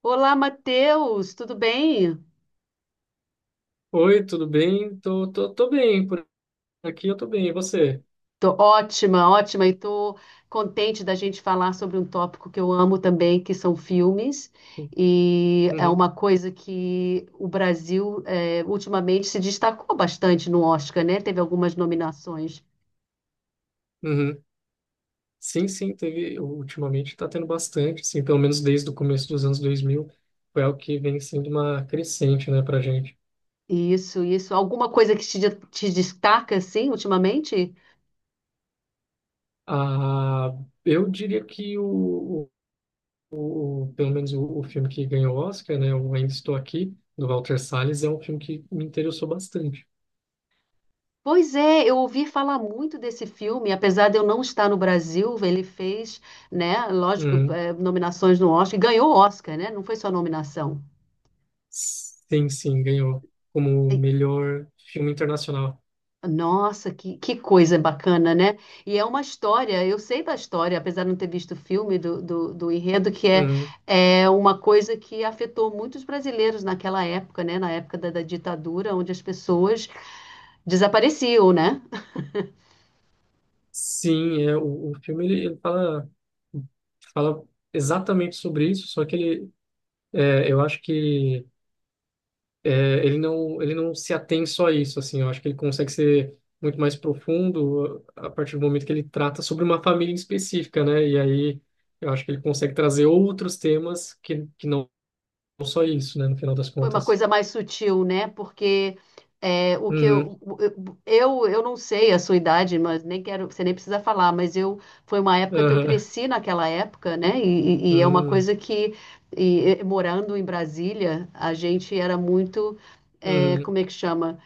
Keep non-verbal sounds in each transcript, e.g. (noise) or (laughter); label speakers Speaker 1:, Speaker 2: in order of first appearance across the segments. Speaker 1: Olá, Matheus, tudo bem?
Speaker 2: Oi, tudo bem? Tô bem, por aqui eu tô bem, e você?
Speaker 1: Tô ótima, ótima, e tô contente da gente falar sobre um tópico que eu amo também, que são filmes, e é
Speaker 2: Uhum,
Speaker 1: uma coisa que o Brasil ultimamente se destacou bastante no Oscar, né? Teve algumas nominações.
Speaker 2: uhum. Sim, teve, ultimamente tá tendo bastante, assim, pelo menos desde o começo dos anos 2000, foi algo que vem sendo uma crescente, né, pra gente.
Speaker 1: Isso, isso. Alguma coisa que te destaca, assim, ultimamente?
Speaker 2: Ah, eu diria que pelo menos o filme que ganhou o Oscar, né, o Ainda Estou Aqui, do Walter Salles, é um filme que me interessou bastante.
Speaker 1: Pois é, eu ouvi falar muito desse filme, apesar de eu não estar no Brasil, ele fez, né, lógico,
Speaker 2: Uhum.
Speaker 1: nominações no Oscar, e ganhou o Oscar, né? Não foi só nominação.
Speaker 2: Sim, ganhou como
Speaker 1: E-
Speaker 2: melhor filme internacional.
Speaker 1: Nossa, que coisa bacana, né? E é uma história, eu sei da história, apesar de não ter visto o filme do enredo, que é,
Speaker 2: Uhum.
Speaker 1: é uma coisa que afetou muitos brasileiros naquela época, né? Na época da ditadura, onde as pessoas desapareciam, né?
Speaker 2: Sim, é, o filme fala exatamente sobre isso, só que eu acho que é, ele não se atém só a isso, assim, eu acho que ele consegue ser muito mais profundo a partir do momento que ele trata sobre uma família em específica, né? E aí eu acho que ele consegue trazer outros temas que não só isso, né, no final das
Speaker 1: Foi uma
Speaker 2: contas.
Speaker 1: coisa mais sutil, né? Porque é, o que
Speaker 2: Uhum,
Speaker 1: eu não sei a sua idade, mas nem quero, você nem precisa falar, mas eu foi uma época que eu
Speaker 2: aham,
Speaker 1: cresci naquela época, né? E é uma
Speaker 2: uhum,
Speaker 1: coisa que e morando em Brasília, a gente era muito é,
Speaker 2: uhum,
Speaker 1: como é que chama?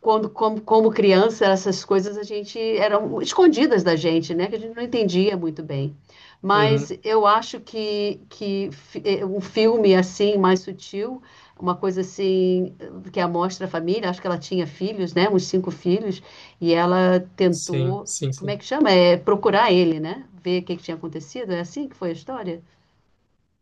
Speaker 1: Como criança, essas coisas a gente eram escondidas da gente, né? Que a gente não entendia muito bem. Mas
Speaker 2: uhum,
Speaker 1: eu acho que um filme assim, mais sutil, uma coisa assim, que amostra a família, acho que ela tinha filhos, né? Uns cinco filhos, e ela
Speaker 2: sim,
Speaker 1: tentou,
Speaker 2: sim,
Speaker 1: como é
Speaker 2: sim.
Speaker 1: que chama? É procurar ele, né? Ver o que que tinha acontecido. É assim que foi a história?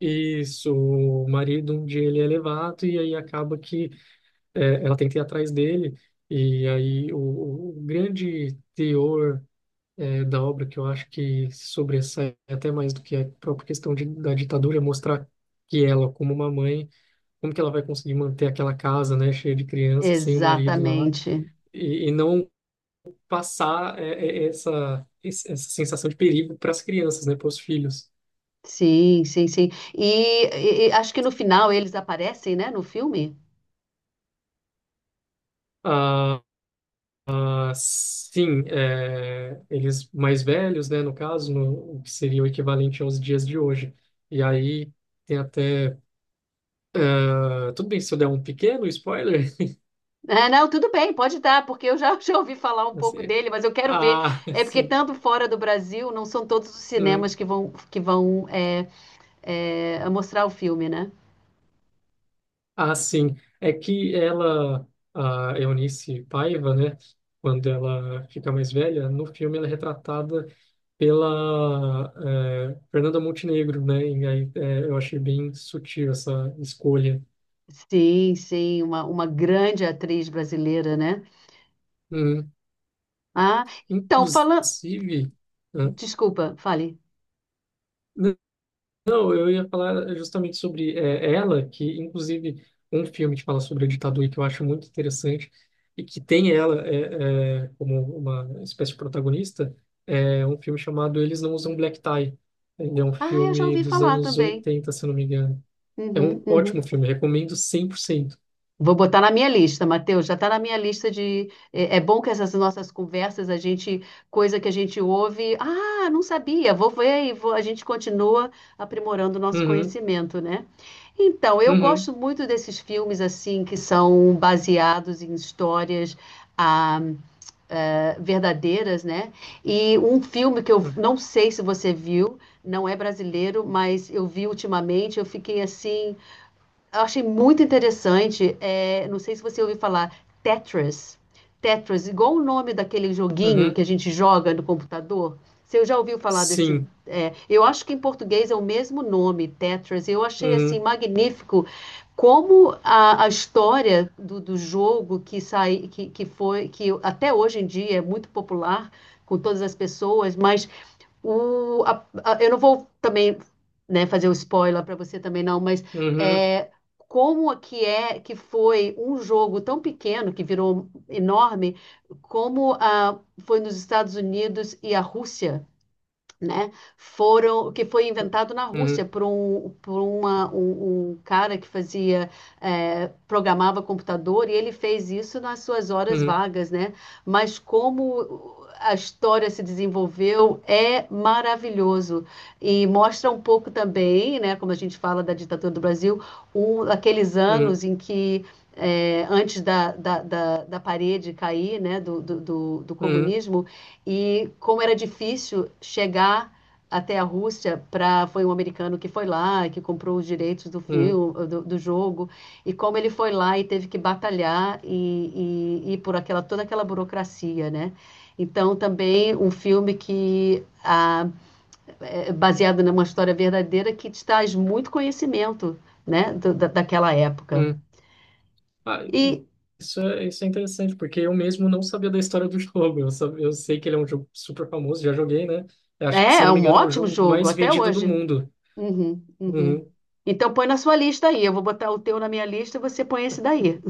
Speaker 2: Isso, o marido um dia ele é levado e aí acaba que é, ela tenta ir atrás dele e aí o grande teor é, da obra que eu acho que sobressai até mais do que a própria questão de, da ditadura é mostrar que ela, como uma mãe, como que ela vai conseguir manter aquela casa, né, cheia de crianças, sem o marido lá
Speaker 1: Exatamente.
Speaker 2: e não passar essa sensação de perigo para as crianças, né, para os filhos.
Speaker 1: Sim, sim, sim. E acho que no final eles aparecem, né, no filme?
Speaker 2: Ah, sim, é, eles mais velhos, né, no caso, no, o que seria o equivalente aos dias de hoje. E aí tem até. Ah, tudo bem se eu der um pequeno spoiler?
Speaker 1: É, não, tudo bem, pode dar, porque eu já, (laughs) já ouvi falar um
Speaker 2: (laughs)
Speaker 1: pouco
Speaker 2: Assim,
Speaker 1: dele, mas eu quero ver.
Speaker 2: ah, (laughs)
Speaker 1: É porque
Speaker 2: sim.
Speaker 1: tanto fora do Brasil, não são todos os cinemas
Speaker 2: Hum,
Speaker 1: que vão mostrar o filme, né?
Speaker 2: ah, sim. É que ela, a Eunice Paiva, né, quando ela fica mais velha, no filme ela é retratada pela Fernanda Montenegro, né? E aí eu achei bem sutil essa escolha.
Speaker 1: Sim, sim, uma grande atriz brasileira, né?
Speaker 2: Hum,
Speaker 1: Ah, então, falando.
Speaker 2: Inclusive, ah,
Speaker 1: Desculpa, fale.
Speaker 2: n- não, eu ia falar justamente sobre ela, que inclusive um filme que fala sobre a ditadura e que eu acho muito interessante e que tem ela como uma espécie de protagonista, é um filme chamado Eles Não Usam Black Tie. Ele é um
Speaker 1: Ah, eu já
Speaker 2: filme
Speaker 1: ouvi
Speaker 2: dos
Speaker 1: falar
Speaker 2: anos
Speaker 1: também.
Speaker 2: 80 se eu não me engano. É
Speaker 1: Uhum,
Speaker 2: um ótimo
Speaker 1: uhum.
Speaker 2: filme, recomendo 100%.
Speaker 1: Vou botar na minha lista, Matheus, já está na minha lista de. É, é bom que essas nossas conversas, a gente, coisa que a gente ouve, ah, não sabia, vou ver e vou- a gente continua aprimorando o nosso
Speaker 2: Uhum,
Speaker 1: conhecimento, né? Então, eu
Speaker 2: uhum,
Speaker 1: gosto muito desses filmes assim que são baseados em histórias ah, verdadeiras, né? E um filme que eu
Speaker 2: uhum,
Speaker 1: não sei se você viu, não é brasileiro, mas eu vi ultimamente, eu fiquei assim eu achei muito interessante, é, não sei se você ouviu falar, Tetris. Tetris, igual o nome daquele joguinho
Speaker 2: uhum.
Speaker 1: que a gente joga no computador. Você já ouviu falar desse?
Speaker 2: Sim,
Speaker 1: É, eu acho que em português é o mesmo nome, Tetris. Eu achei assim
Speaker 2: uhum,
Speaker 1: magnífico como a história do jogo que sai, que até hoje em dia é muito popular com todas as pessoas, mas eu não vou também, né, fazer o spoiler para você também não, mas
Speaker 2: uhum.
Speaker 1: é, como que é que foi um jogo tão pequeno que virou enorme, como a foi nos Estados Unidos e a Rússia né, foram, que foi inventado na Rússia
Speaker 2: Uhum,
Speaker 1: por um cara que fazia, programava computador e ele fez isso nas suas horas
Speaker 2: uhum,
Speaker 1: vagas, né? Mas como a história se desenvolveu é maravilhoso e mostra um pouco também, né, como a gente fala da ditadura do Brasil, um, aqueles
Speaker 2: uhum,
Speaker 1: anos em que antes da parede cair, né, do
Speaker 2: uhum,
Speaker 1: comunismo, e como era difícil chegar até a Rússia para foi um americano que foi lá que comprou os direitos do
Speaker 2: uhum,
Speaker 1: filme do jogo e como ele foi lá e teve que batalhar e por aquela toda aquela burocracia né então também um filme que é baseado numa história verdadeira que te traz muito conhecimento né daquela época
Speaker 2: uhum. Ah,
Speaker 1: e
Speaker 2: isso é interessante, porque eu mesmo não sabia da história do (laughs) jogo. Eu, eu sei que ele é um jogo super famoso, já joguei, né? Eu acho que,
Speaker 1: é,
Speaker 2: se eu
Speaker 1: é
Speaker 2: não me
Speaker 1: um
Speaker 2: engano, é o
Speaker 1: ótimo
Speaker 2: jogo
Speaker 1: jogo
Speaker 2: mais
Speaker 1: até
Speaker 2: vendido do
Speaker 1: hoje.
Speaker 2: mundo.
Speaker 1: Uhum, uhum.
Speaker 2: Uhum.
Speaker 1: Então põe na sua lista aí. Eu vou botar o teu na minha lista e você põe esse daí.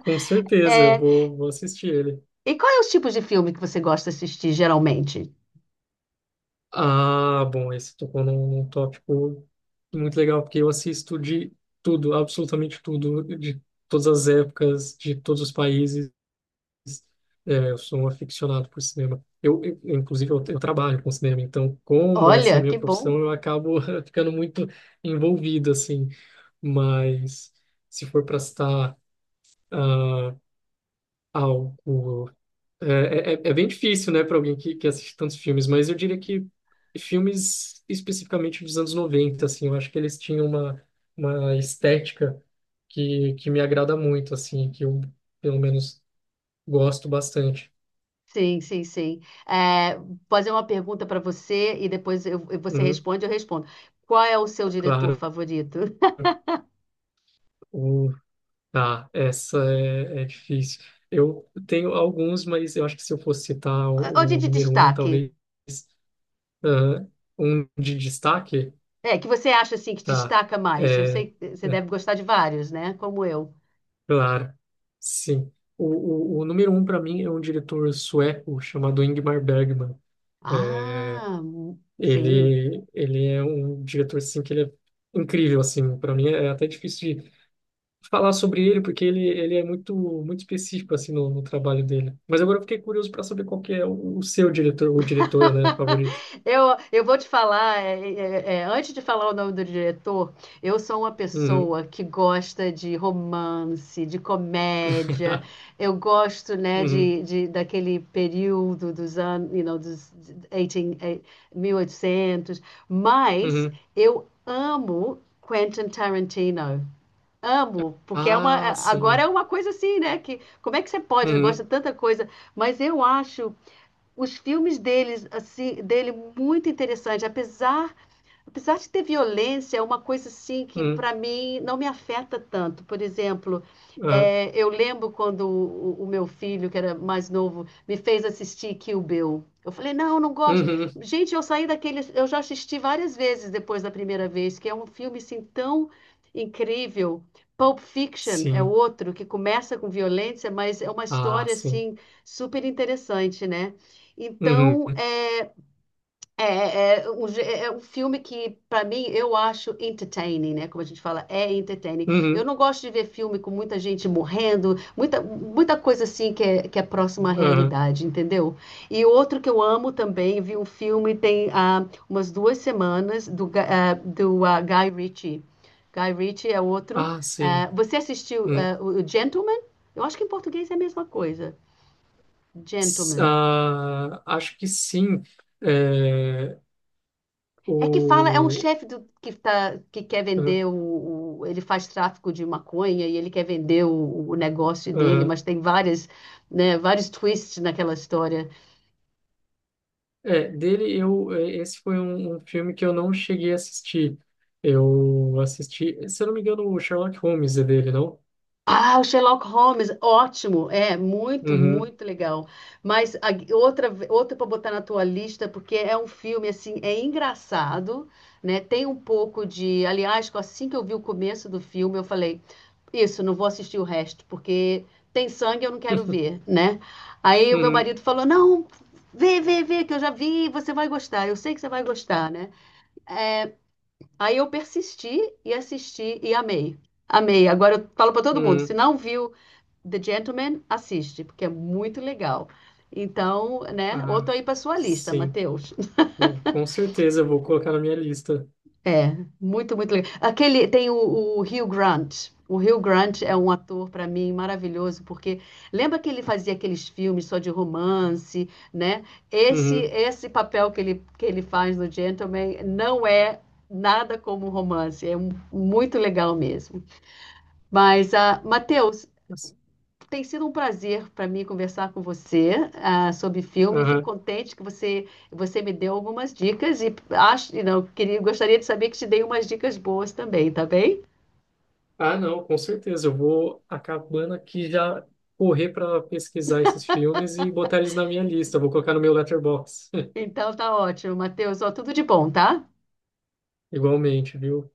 Speaker 2: Com certeza,
Speaker 1: É,
Speaker 2: vou assistir ele.
Speaker 1: e qual é os tipos de filme que você gosta de assistir geralmente?
Speaker 2: Ah, bom, esse tocou num tópico muito legal, porque eu assisto de tudo, absolutamente tudo, de todas as épocas, de todos os países. É, eu sou um aficionado por cinema. Inclusive, eu trabalho com cinema, então, como essa é a
Speaker 1: Olha,
Speaker 2: minha
Speaker 1: que
Speaker 2: profissão,
Speaker 1: bom.
Speaker 2: eu acabo (laughs) ficando muito envolvido, assim. Mas, se for para citar ah, algo. É bem difícil, né, para alguém que assiste tantos filmes, mas eu diria que filmes especificamente dos anos 90 assim, eu acho que eles tinham uma estética que me agrada muito, assim, que eu, pelo menos, gosto bastante.
Speaker 1: Sim, sim, sim. É, vou fazer uma pergunta para você e depois você
Speaker 2: Uhum,
Speaker 1: responde, eu respondo. Qual é o seu diretor
Speaker 2: claro.
Speaker 1: favorito?
Speaker 2: O- Ah, essa é difícil. Eu tenho alguns, mas eu acho que se eu fosse citar
Speaker 1: Ou
Speaker 2: o
Speaker 1: de
Speaker 2: número um,
Speaker 1: destaque?
Speaker 2: talvez ah, um de destaque,
Speaker 1: É, que você acha assim que
Speaker 2: tá?
Speaker 1: destaca mais? Eu
Speaker 2: É,
Speaker 1: sei que você
Speaker 2: é,
Speaker 1: deve gostar de vários, né? Como eu.
Speaker 2: claro, sim. O número um para mim é um diretor sueco chamado Ingmar Bergman. É,
Speaker 1: Ah, sim.
Speaker 2: Ele é um diretor assim que ele é incrível assim. Para mim é até difícil falar sobre ele, porque ele é muito, muito específico assim no trabalho dele. Mas agora eu fiquei curioso para saber qual que é o seu diretor ou diretora, né, favorito.
Speaker 1: (laughs) Eu vou te falar, antes de falar o nome do diretor, eu sou uma
Speaker 2: Uhum.
Speaker 1: pessoa que gosta de romance, de comédia,
Speaker 2: (laughs)
Speaker 1: eu gosto, né,
Speaker 2: Uhum.
Speaker 1: daquele período dos anos, you know, dos 18, 1800, mas
Speaker 2: Uhum.
Speaker 1: eu amo Quentin Tarantino. Amo, porque é uma,
Speaker 2: Ah,
Speaker 1: é, agora é
Speaker 2: sim.
Speaker 1: uma coisa assim, né? Que, como é que você pode, gosta
Speaker 2: Uhum.
Speaker 1: de tanta coisa, mas eu acho os filmes deles, assim, dele muito interessante, apesar apesar de ter violência, é uma coisa assim que
Speaker 2: Uhum.
Speaker 1: para mim não me afeta tanto. Por exemplo,
Speaker 2: Aham.
Speaker 1: eu lembro quando o meu filho, que era mais novo, me fez assistir Kill Bill. Eu falei, não, não gosto.
Speaker 2: Uhum.
Speaker 1: Gente, eu saí daquele. Eu já assisti várias vezes depois da primeira vez, que é um filme assim tão incrível. Pulp Fiction é
Speaker 2: Sim.
Speaker 1: outro que começa com violência, mas é uma
Speaker 2: Ah,
Speaker 1: história
Speaker 2: sim.
Speaker 1: assim super interessante, né?
Speaker 2: Uhum.
Speaker 1: Então, é um filme que, para mim, eu acho entertaining, né? Como a gente fala, é entertaining. Eu
Speaker 2: Uhum.
Speaker 1: não gosto de ver filme com muita gente morrendo, muita, muita coisa assim que é próxima à
Speaker 2: Aham.
Speaker 1: realidade, entendeu? E outro que eu amo também, vi um filme tem umas duas semanas, do Guy Ritchie. Guy Ritchie é outro.
Speaker 2: Ah, sim.
Speaker 1: Ah, você assistiu
Speaker 2: Uhum.
Speaker 1: o Gentleman? Eu acho que em português é a mesma coisa. Gentleman.
Speaker 2: Ah, acho que sim. É,
Speaker 1: É que fala, é um
Speaker 2: o...
Speaker 1: chefe do- que, tá, que quer vender ele faz tráfico de maconha e ele quer vender o negócio dele,
Speaker 2: Uhum.
Speaker 1: mas tem várias, né, vários twists naquela história.
Speaker 2: É, dele eu é, esse foi um, um filme que eu não cheguei a assistir. Eu assisti, se eu não me engano, o Sherlock Holmes é dele, não?
Speaker 1: Ah, o Sherlock Holmes, ótimo, é muito,
Speaker 2: Uhum,
Speaker 1: muito legal. Mas outra para botar na tua lista, porque é um filme assim, é engraçado, né? Tem um pouco de, aliás, assim que eu vi o começo do filme, eu falei, isso, não vou assistir o resto, porque tem sangue, eu não quero
Speaker 2: (laughs)
Speaker 1: ver, né? Aí o meu
Speaker 2: uhum,
Speaker 1: marido falou, não, vê, que eu já vi, você vai gostar, eu sei que você vai gostar, né? Aí eu persisti e assisti e amei. Amei. Agora eu falo para todo mundo, se
Speaker 2: uhum.
Speaker 1: não viu The Gentleman, assiste, porque é muito legal. Então, né?
Speaker 2: Ah,
Speaker 1: Outro aí para sua lista,
Speaker 2: sim.
Speaker 1: Matheus. (laughs)
Speaker 2: Não, com certeza eu vou colocar na minha lista.
Speaker 1: É, muito, muito legal. Aquele tem o Hugh Grant. O Hugh Grant é um ator para mim maravilhoso, porque lembra que ele fazia aqueles filmes só de romance, né?
Speaker 2: Uhum.
Speaker 1: Esse papel que ele faz no Gentleman não é nada como um romance, muito legal mesmo. Mas, ah, Matheus,
Speaker 2: Nossa,
Speaker 1: tem sido um prazer para mim conversar com você sobre filme. Fico
Speaker 2: aham.
Speaker 1: contente que você, você me deu algumas dicas e acho, e não, queria, gostaria de saber que te dei umas dicas boas também, tá bem?
Speaker 2: Ah, não, com certeza eu vou acabando aqui já correr para pesquisar esses filmes e botar eles na minha lista. Vou colocar no meu letterbox (laughs)
Speaker 1: Então tá ótimo, Matheus. Ó, tudo de bom, tá?
Speaker 2: Igualmente, viu?